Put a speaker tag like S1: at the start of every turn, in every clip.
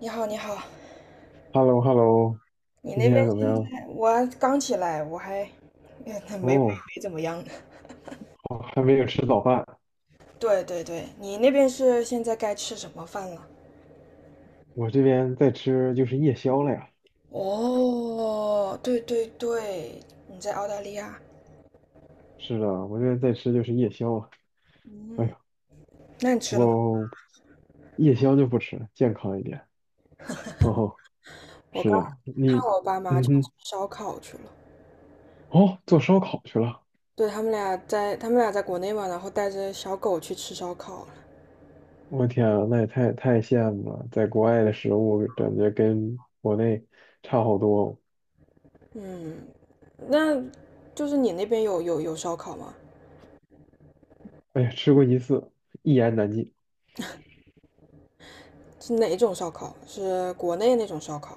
S1: 你好，你好，
S2: h e l l o h e l l o
S1: 你
S2: 今
S1: 那边
S2: 天怎么
S1: 现
S2: 样？
S1: 在我刚起来，我还没没
S2: 哦，
S1: 没怎么样呢。
S2: 好还没有吃早饭，
S1: 对对对，你那边是现在该吃什么饭了？
S2: 我这边在吃就是夜宵了呀。
S1: 哦，对对对，你在澳大利亚，
S2: 是的，我这边在吃就是夜宵啊。哎
S1: 嗯，
S2: 呀，
S1: 那你
S2: 不
S1: 吃了吗？
S2: 过夜宵就不吃了，健康一点。哦，
S1: 我
S2: 是
S1: 刚
S2: 的，
S1: 看
S2: 你，
S1: 我爸妈
S2: 嗯
S1: 去
S2: 哼，
S1: 吃烧烤去了，
S2: 哦，做烧烤去了。
S1: 对，他们俩在国内嘛，然后带着小狗去吃烧烤了。
S2: 我天啊，那也太羡慕了，在国外的食物感觉跟国内差好多哦。
S1: 嗯，那就是你那边有烧烤吗？
S2: 哎呀，吃过一次，一言难尽。
S1: 是哪种烧烤？是国内那种烧烤？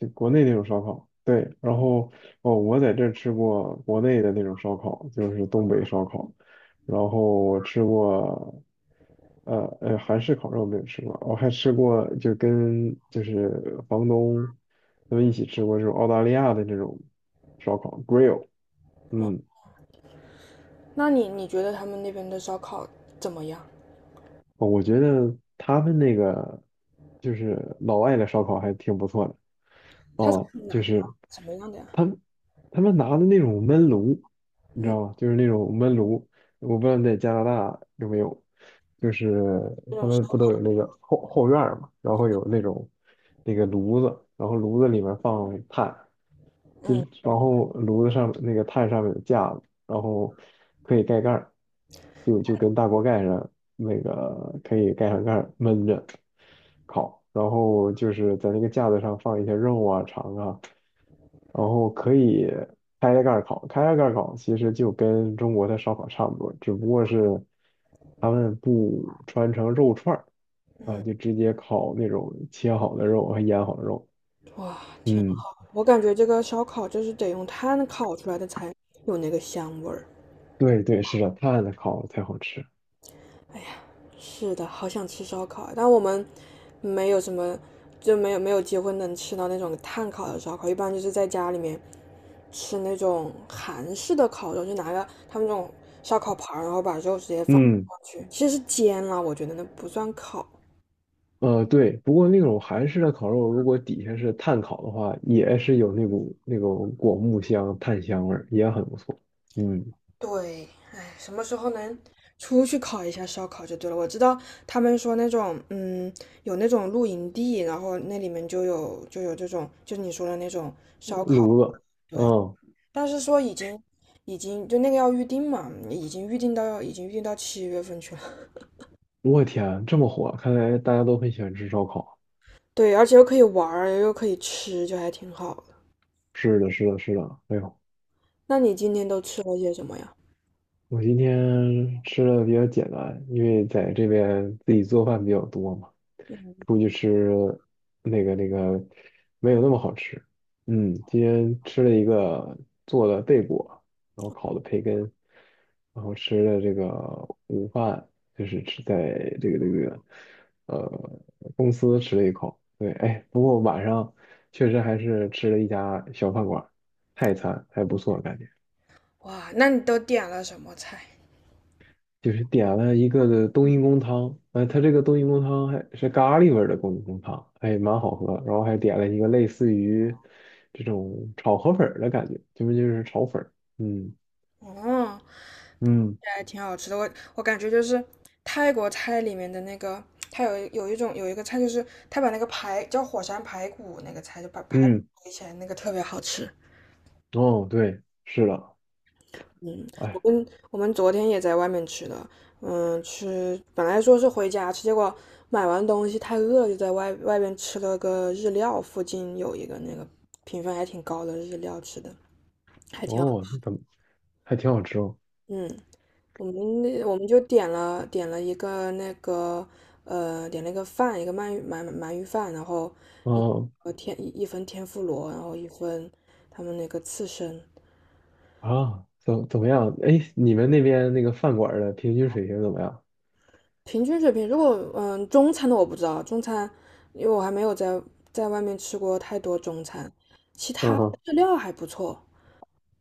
S2: 就国内那种烧烤，对，然后哦，我在这儿吃过国内的那种烧烤，就是东北烧烤，然后我吃过，韩式烤肉没有吃过，我还吃过就跟就是房东他们一起吃过这种澳大利亚的这种，嗯，
S1: 那你觉得他们那边的烧烤怎么样？
S2: 我觉得他们那个就是老外的烧烤还挺不错的
S1: 它是
S2: 哦，
S1: 哪
S2: 就
S1: 个烤
S2: 是
S1: 什么样的呀？
S2: 他们他们拿的那种焖炉，你知
S1: 嗯，
S2: 道吗？就是那种焖炉，我不知道你在加拿大有没有，就是
S1: 这
S2: 他
S1: 种烧，
S2: 们不都有那个后院儿嘛，然后有那种那个炉子，然后炉子里面放炭，就
S1: 嗯，
S2: 然后炉子上那个炭上面有架子，然后可以盖盖儿，就跟大锅盖上那个可以盖上盖儿闷着烤，然后就是在那个架子上放一些肉啊、肠啊，然后可以开着盖儿烤，开着盖儿烤其实就跟中国的烧烤差不多，只不过是他们不穿成肉串儿啊，就直接烤那种切好的肉和腌好的肉，
S1: 哇，挺
S2: 嗯。
S1: 好。我感觉这个烧烤就是得用炭烤出来的才有那个香味儿。
S2: 对对，是的，炭的烤才好吃。
S1: 哎呀，是的，好想吃烧烤啊但我们没有什么，就没有机会能吃到那种炭烤的烧烤，一般就是在家里面吃那种韩式的烤肉，就拿个他们那种烧烤盘儿然后把肉直接放上
S2: 嗯，
S1: 去，其实是煎了，我觉得那不算烤。
S2: 对，不过那种韩式的烤肉，如果底下是炭烤的话，也是有那股那种果木香、炭香味儿，也很不错。嗯，
S1: 对，哎，什么时候能出去烤一下烧烤就对了。我知道他们说那种，嗯，有那种露营地，然后那里面就有这种，就你说的那种烧烤，
S2: 炉子，
S1: 对。
S2: 嗯，
S1: 但是说已经就那个要预定嘛，已经预定到7月份去了。
S2: 我天，这么火，看来大家都很喜欢吃烧烤。
S1: 对，而且又可以玩儿，又可以吃，就还挺好的。
S2: 是的，是的，是的，哎呦，
S1: 那你今天都吃了些什么呀？
S2: 我今天吃的比较简单，因为在这边自己做饭比较多嘛，出去吃那个没有那么好吃。嗯，今天吃了一个做的贝果，然后烤的培根，然后吃了这个午饭，就是吃在这个呃公司吃了一口。对，哎，确实还是吃了一家小饭馆，泰餐还不错，感觉。
S1: 哇，那你都点了什么菜？
S2: 就是点了一个的冬阴功汤，它这个冬阴功汤还是咖喱味儿的冬阴功汤，哎，蛮好喝。然后还点了一个类似于这种炒河粉儿的感觉，就是炒粉儿，嗯
S1: 哦，
S2: 嗯
S1: 也还挺好吃的。我感觉就是泰国菜里面的那个，它有一个菜，就是它把那个排叫火山排骨那个菜，就把排骨
S2: 嗯，
S1: 堆起来，那个特别好吃。
S2: 哦，对，是的，
S1: 嗯，我
S2: 哎，
S1: 跟我们昨天也在外面吃的，嗯，本来说是回家吃，结果买完东西太饿了就在外边吃了个日料，附近有一个那个评分还挺高的日料吃的，还挺好。
S2: 哦，那怎么还挺好吃哦，
S1: 嗯，我们就点了一个饭，一个鳗鱼饭，然后一
S2: 嗯
S1: 一份天妇罗，然后一份他们那个刺身，
S2: 啊，怎么样？哎，你们那边那个饭馆儿的平均水平怎么样？
S1: 平均水平。如果中餐的我不知道，中餐因为我还没有在外面吃过太多中餐，其他
S2: 嗯
S1: 的
S2: 哼
S1: 日料还不错。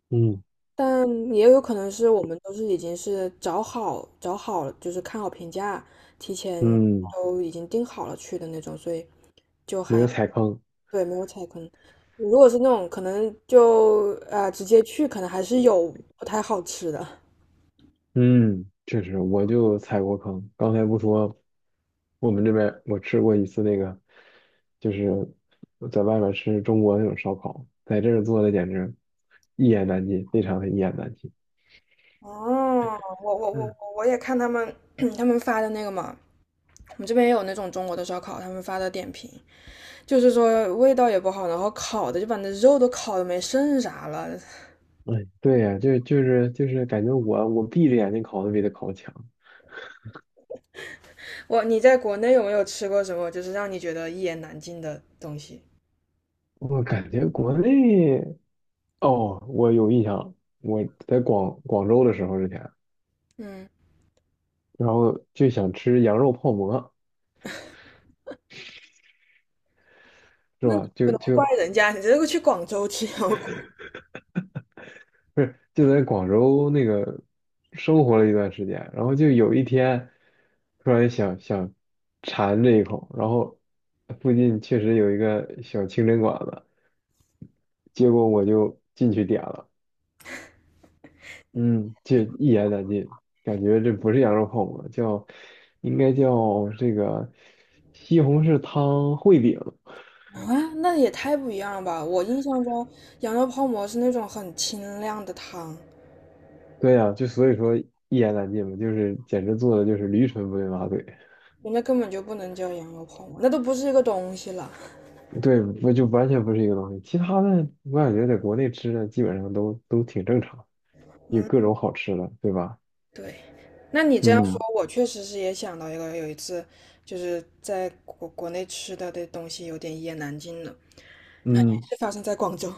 S2: 嗯
S1: 但也有可能是我们都是已经是找好了，就是看好评价，提前
S2: 嗯，
S1: 都已经定好了去的那种，所以就
S2: 没
S1: 还。
S2: 有踩坑，
S1: 对，没有踩坑。如果是那种可能就直接去，可能还是有不太好吃的。
S2: 嗯，确实，我就踩过坑。刚才不说，我们这边我吃过一次那个，就是在外面吃中国那种烧烤，在这儿做的简直一言难尽，非常的一言难尽。
S1: 哦，我我我
S2: 嗯，
S1: 我也看他们 他们发的那个嘛，我们这边也有那种中国的烧烤，他们发的点评就是说味道也不好，然后烤的就把那肉都烤的没剩啥了。
S2: 哎，对呀，就是感觉我闭着眼睛烤都比他烤强。
S1: 你在国内有没有吃过什么就是让你觉得一言难尽的东西？
S2: 我感觉国内哦，我有印象，我在广州的时候之前，
S1: 嗯，
S2: 然后就想吃羊肉泡馍，是吧？
S1: 不
S2: 就
S1: 能怪
S2: 就
S1: 人家，你这个去广州吃，
S2: 不是就在广州那个生活了一段时间，然后就有一天突然想馋这一口，然后附近确实有一个小清真馆子，结果我就进去点了，嗯，这一言难尽，感觉这不是羊肉泡馍，叫应该叫这个西红柿汤烩饼，
S1: 啊，那也太不一样了吧！我印象中羊肉泡馍是那种很清亮的汤，
S2: 对呀、就所以说一言难尽嘛，就是简直做的就是驴唇不对马嘴。
S1: 人家根本就不能叫羊肉泡馍，那都不是一个东西了。
S2: 对，不就完全不是一个东西。其他的我感觉在国内吃的基本上都挺正常，有各种好吃的，对吧？
S1: 对，那你这样说，
S2: 嗯
S1: 我确实是也想到一个，有一次就是在国内吃的东西有点一言难尽了，
S2: 嗯，
S1: 是发生在广州。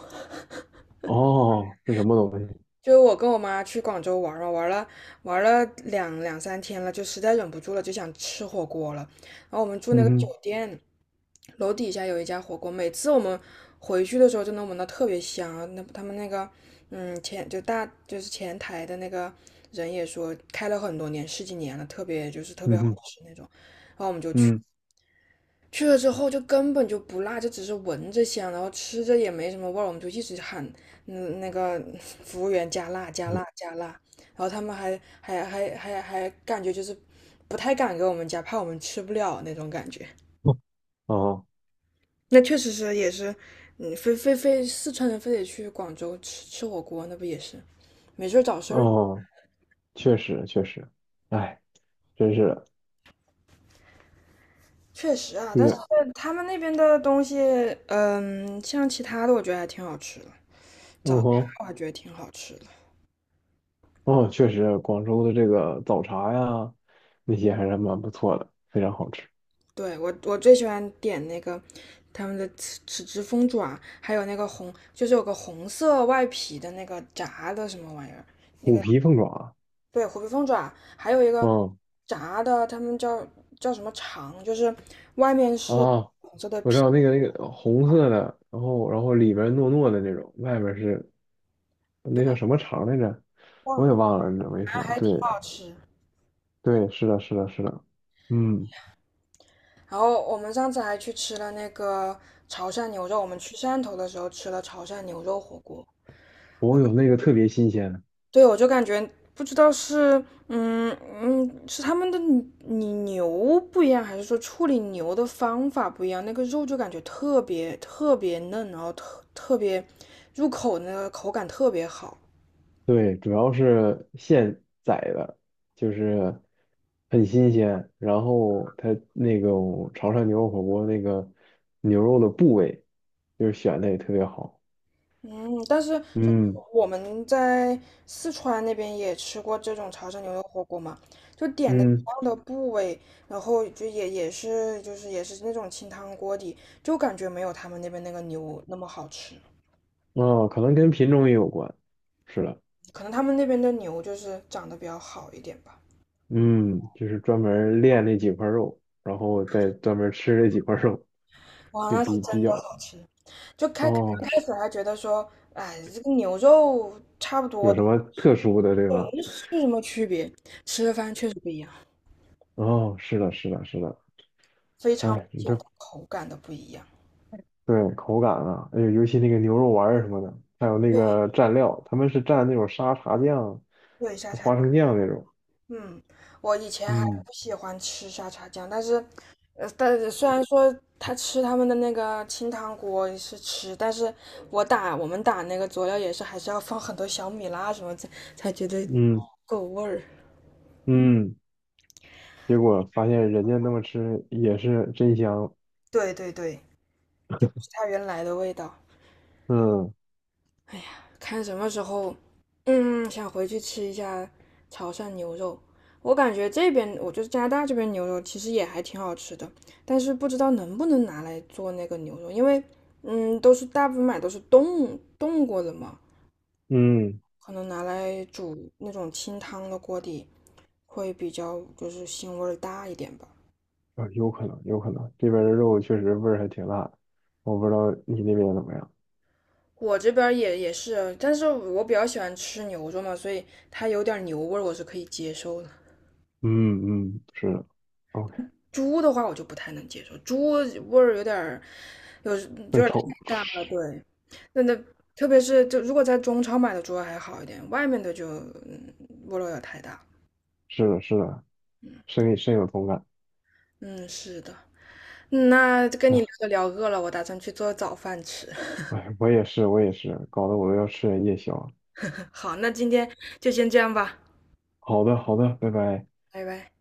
S2: 哦，是什么东西？
S1: 就是我跟我妈去广州玩了玩了两三天了，就实在忍不住了，就想吃火锅了。然后我们住那
S2: 嗯
S1: 个酒
S2: 哼
S1: 店，楼底下有一家火锅，每次我们回去的时候就能闻到特别香啊。那他们那个，嗯，前就大就是前台的那个人也说，开了很多年，十几年了，特别
S2: 嗯
S1: 好
S2: 哼
S1: 吃那种。
S2: 嗯，
S1: 去了之后就根本就不辣，就只是闻着香，然后吃着也没什么味儿，我们就一直喊，嗯，那个 服务员加辣加辣加辣，然后他们还感觉就是不太敢给我们加，怕我们吃不了那种感觉。
S2: 哦
S1: 那确实是也是，嗯，非四川人非得去广州吃火锅，那不也是没事儿找事儿吗？
S2: 哦，确实确实，哎，真是的
S1: 确实啊，
S2: 这
S1: 但是
S2: 个，
S1: 他们那边的东西，嗯，像其他的，我觉得还挺好吃的，
S2: 嗯哼，
S1: 我还觉得挺好吃的。
S2: 哦，确实，广州的这个早茶呀，那些还是蛮不错的，非常好吃。
S1: 对，我最喜欢点那个他们的豉汁凤爪，还有那个红，就是有个红色外皮的那个炸的什么玩意儿，那
S2: 虎
S1: 个
S2: 皮凤爪啊，
S1: 对虎皮凤爪，还有一个
S2: 嗯。
S1: 炸的，他们叫什么肠，就是外面是
S2: 啊，我知道那个那个红色的，然后然后里边糯糯的那种，外边是那叫什么肠来着？
S1: 忘
S2: 我也
S1: 了。
S2: 忘了，你怎么一说？
S1: 还
S2: 对
S1: 挺好吃。
S2: 对，是的，是的，是的，嗯，
S1: 然后我们上次还去吃了那个潮汕牛肉，我们去汕头的时候吃了潮汕牛肉火锅。
S2: 我有那个特别新鲜的
S1: 对，我就感觉不知道是是他们的牛不一样，还是说处理牛的方法不一样？那个肉就感觉特别特别嫩，然后特别入口那个口感特别好。
S2: 对，主要是现宰的，就是很新鲜，然后它那种潮汕牛肉火锅那个牛肉的部位，就是选的也特别好，
S1: 嗯，但是就是
S2: 嗯
S1: 我们在四川那边也吃过这种潮汕牛肉火锅嘛，就点的一
S2: 嗯，
S1: 样的部位，然后就也是那种清汤锅底，就感觉没有他们那边那个牛那么好吃，
S2: 哦，可能跟品种也有关，是的。
S1: 可能他们那边的牛就是长得比较好一点吧。
S2: 嗯，就是专门儿练那几块肉，然后再专门儿吃那几块肉，
S1: 哇，
S2: 就
S1: 那是
S2: 比
S1: 真
S2: 比
S1: 的
S2: 较
S1: 好吃！就开开
S2: 哦，
S1: 开
S2: 是
S1: 始还觉得说，哎，这个牛肉差不
S2: 有
S1: 多，
S2: 什么特殊的对吧？
S1: 那是什么区别？吃了饭确实不一样，
S2: 哦，是的，是的，是的。
S1: 非常明
S2: 哎，你
S1: 显
S2: 这
S1: 的口感的不一样。
S2: 对口感啊，哎呦，尤其那个牛肉丸儿什么的，还有那
S1: 对。
S2: 个蘸料，他们是蘸那种沙茶酱、
S1: 对，沙茶，
S2: 花生酱那种。
S1: 嗯，我以前还
S2: 嗯
S1: 不喜欢吃沙茶酱，但是虽然说他们的那个清汤锅是吃，但是我们打那个佐料也是还是要放很多小米辣什么才觉得
S2: 嗯
S1: 够味儿。
S2: 嗯，结果发现人家那么吃也是真香。
S1: 对对对，就不是它原来的味道。
S2: 嗯
S1: 哎呀，看什么时候，嗯，想回去吃一下潮汕牛肉。我感觉这边，我就是加拿大这边牛肉其实也还挺好吃的，但是不知道能不能拿来做那个牛肉，因为，嗯，都是大部分买都是冻过的嘛，
S2: 嗯。
S1: 可能拿来煮那种清汤的锅底会比较就是腥味儿大一点吧。
S2: 啊，有可能，有可能，这边儿的肉确实味儿还挺辣的，我不知道你那边怎么样。
S1: 我这边儿也是啊，但是我比较喜欢吃牛肉嘛，所以它有点牛味儿我是可以接受的。
S2: 嗯嗯，是的，OK，
S1: 猪的话我就不太能接受，猪味儿有点儿，有
S2: 更
S1: 点儿
S2: 臭，
S1: 太大了。对，那特别是就如果在中超买的猪还好一点，外面的就味儿有点太大。
S2: 是的，是的，深深有同感
S1: 嗯，是的。嗯那跟你
S2: 啊。
S1: 聊着聊饿了，我打算去做早饭吃。
S2: 哎，我也是，我也是，搞得我都要吃点夜宵了
S1: 好，那今天就先这样吧，
S2: 好的，好的，拜拜。
S1: 拜拜。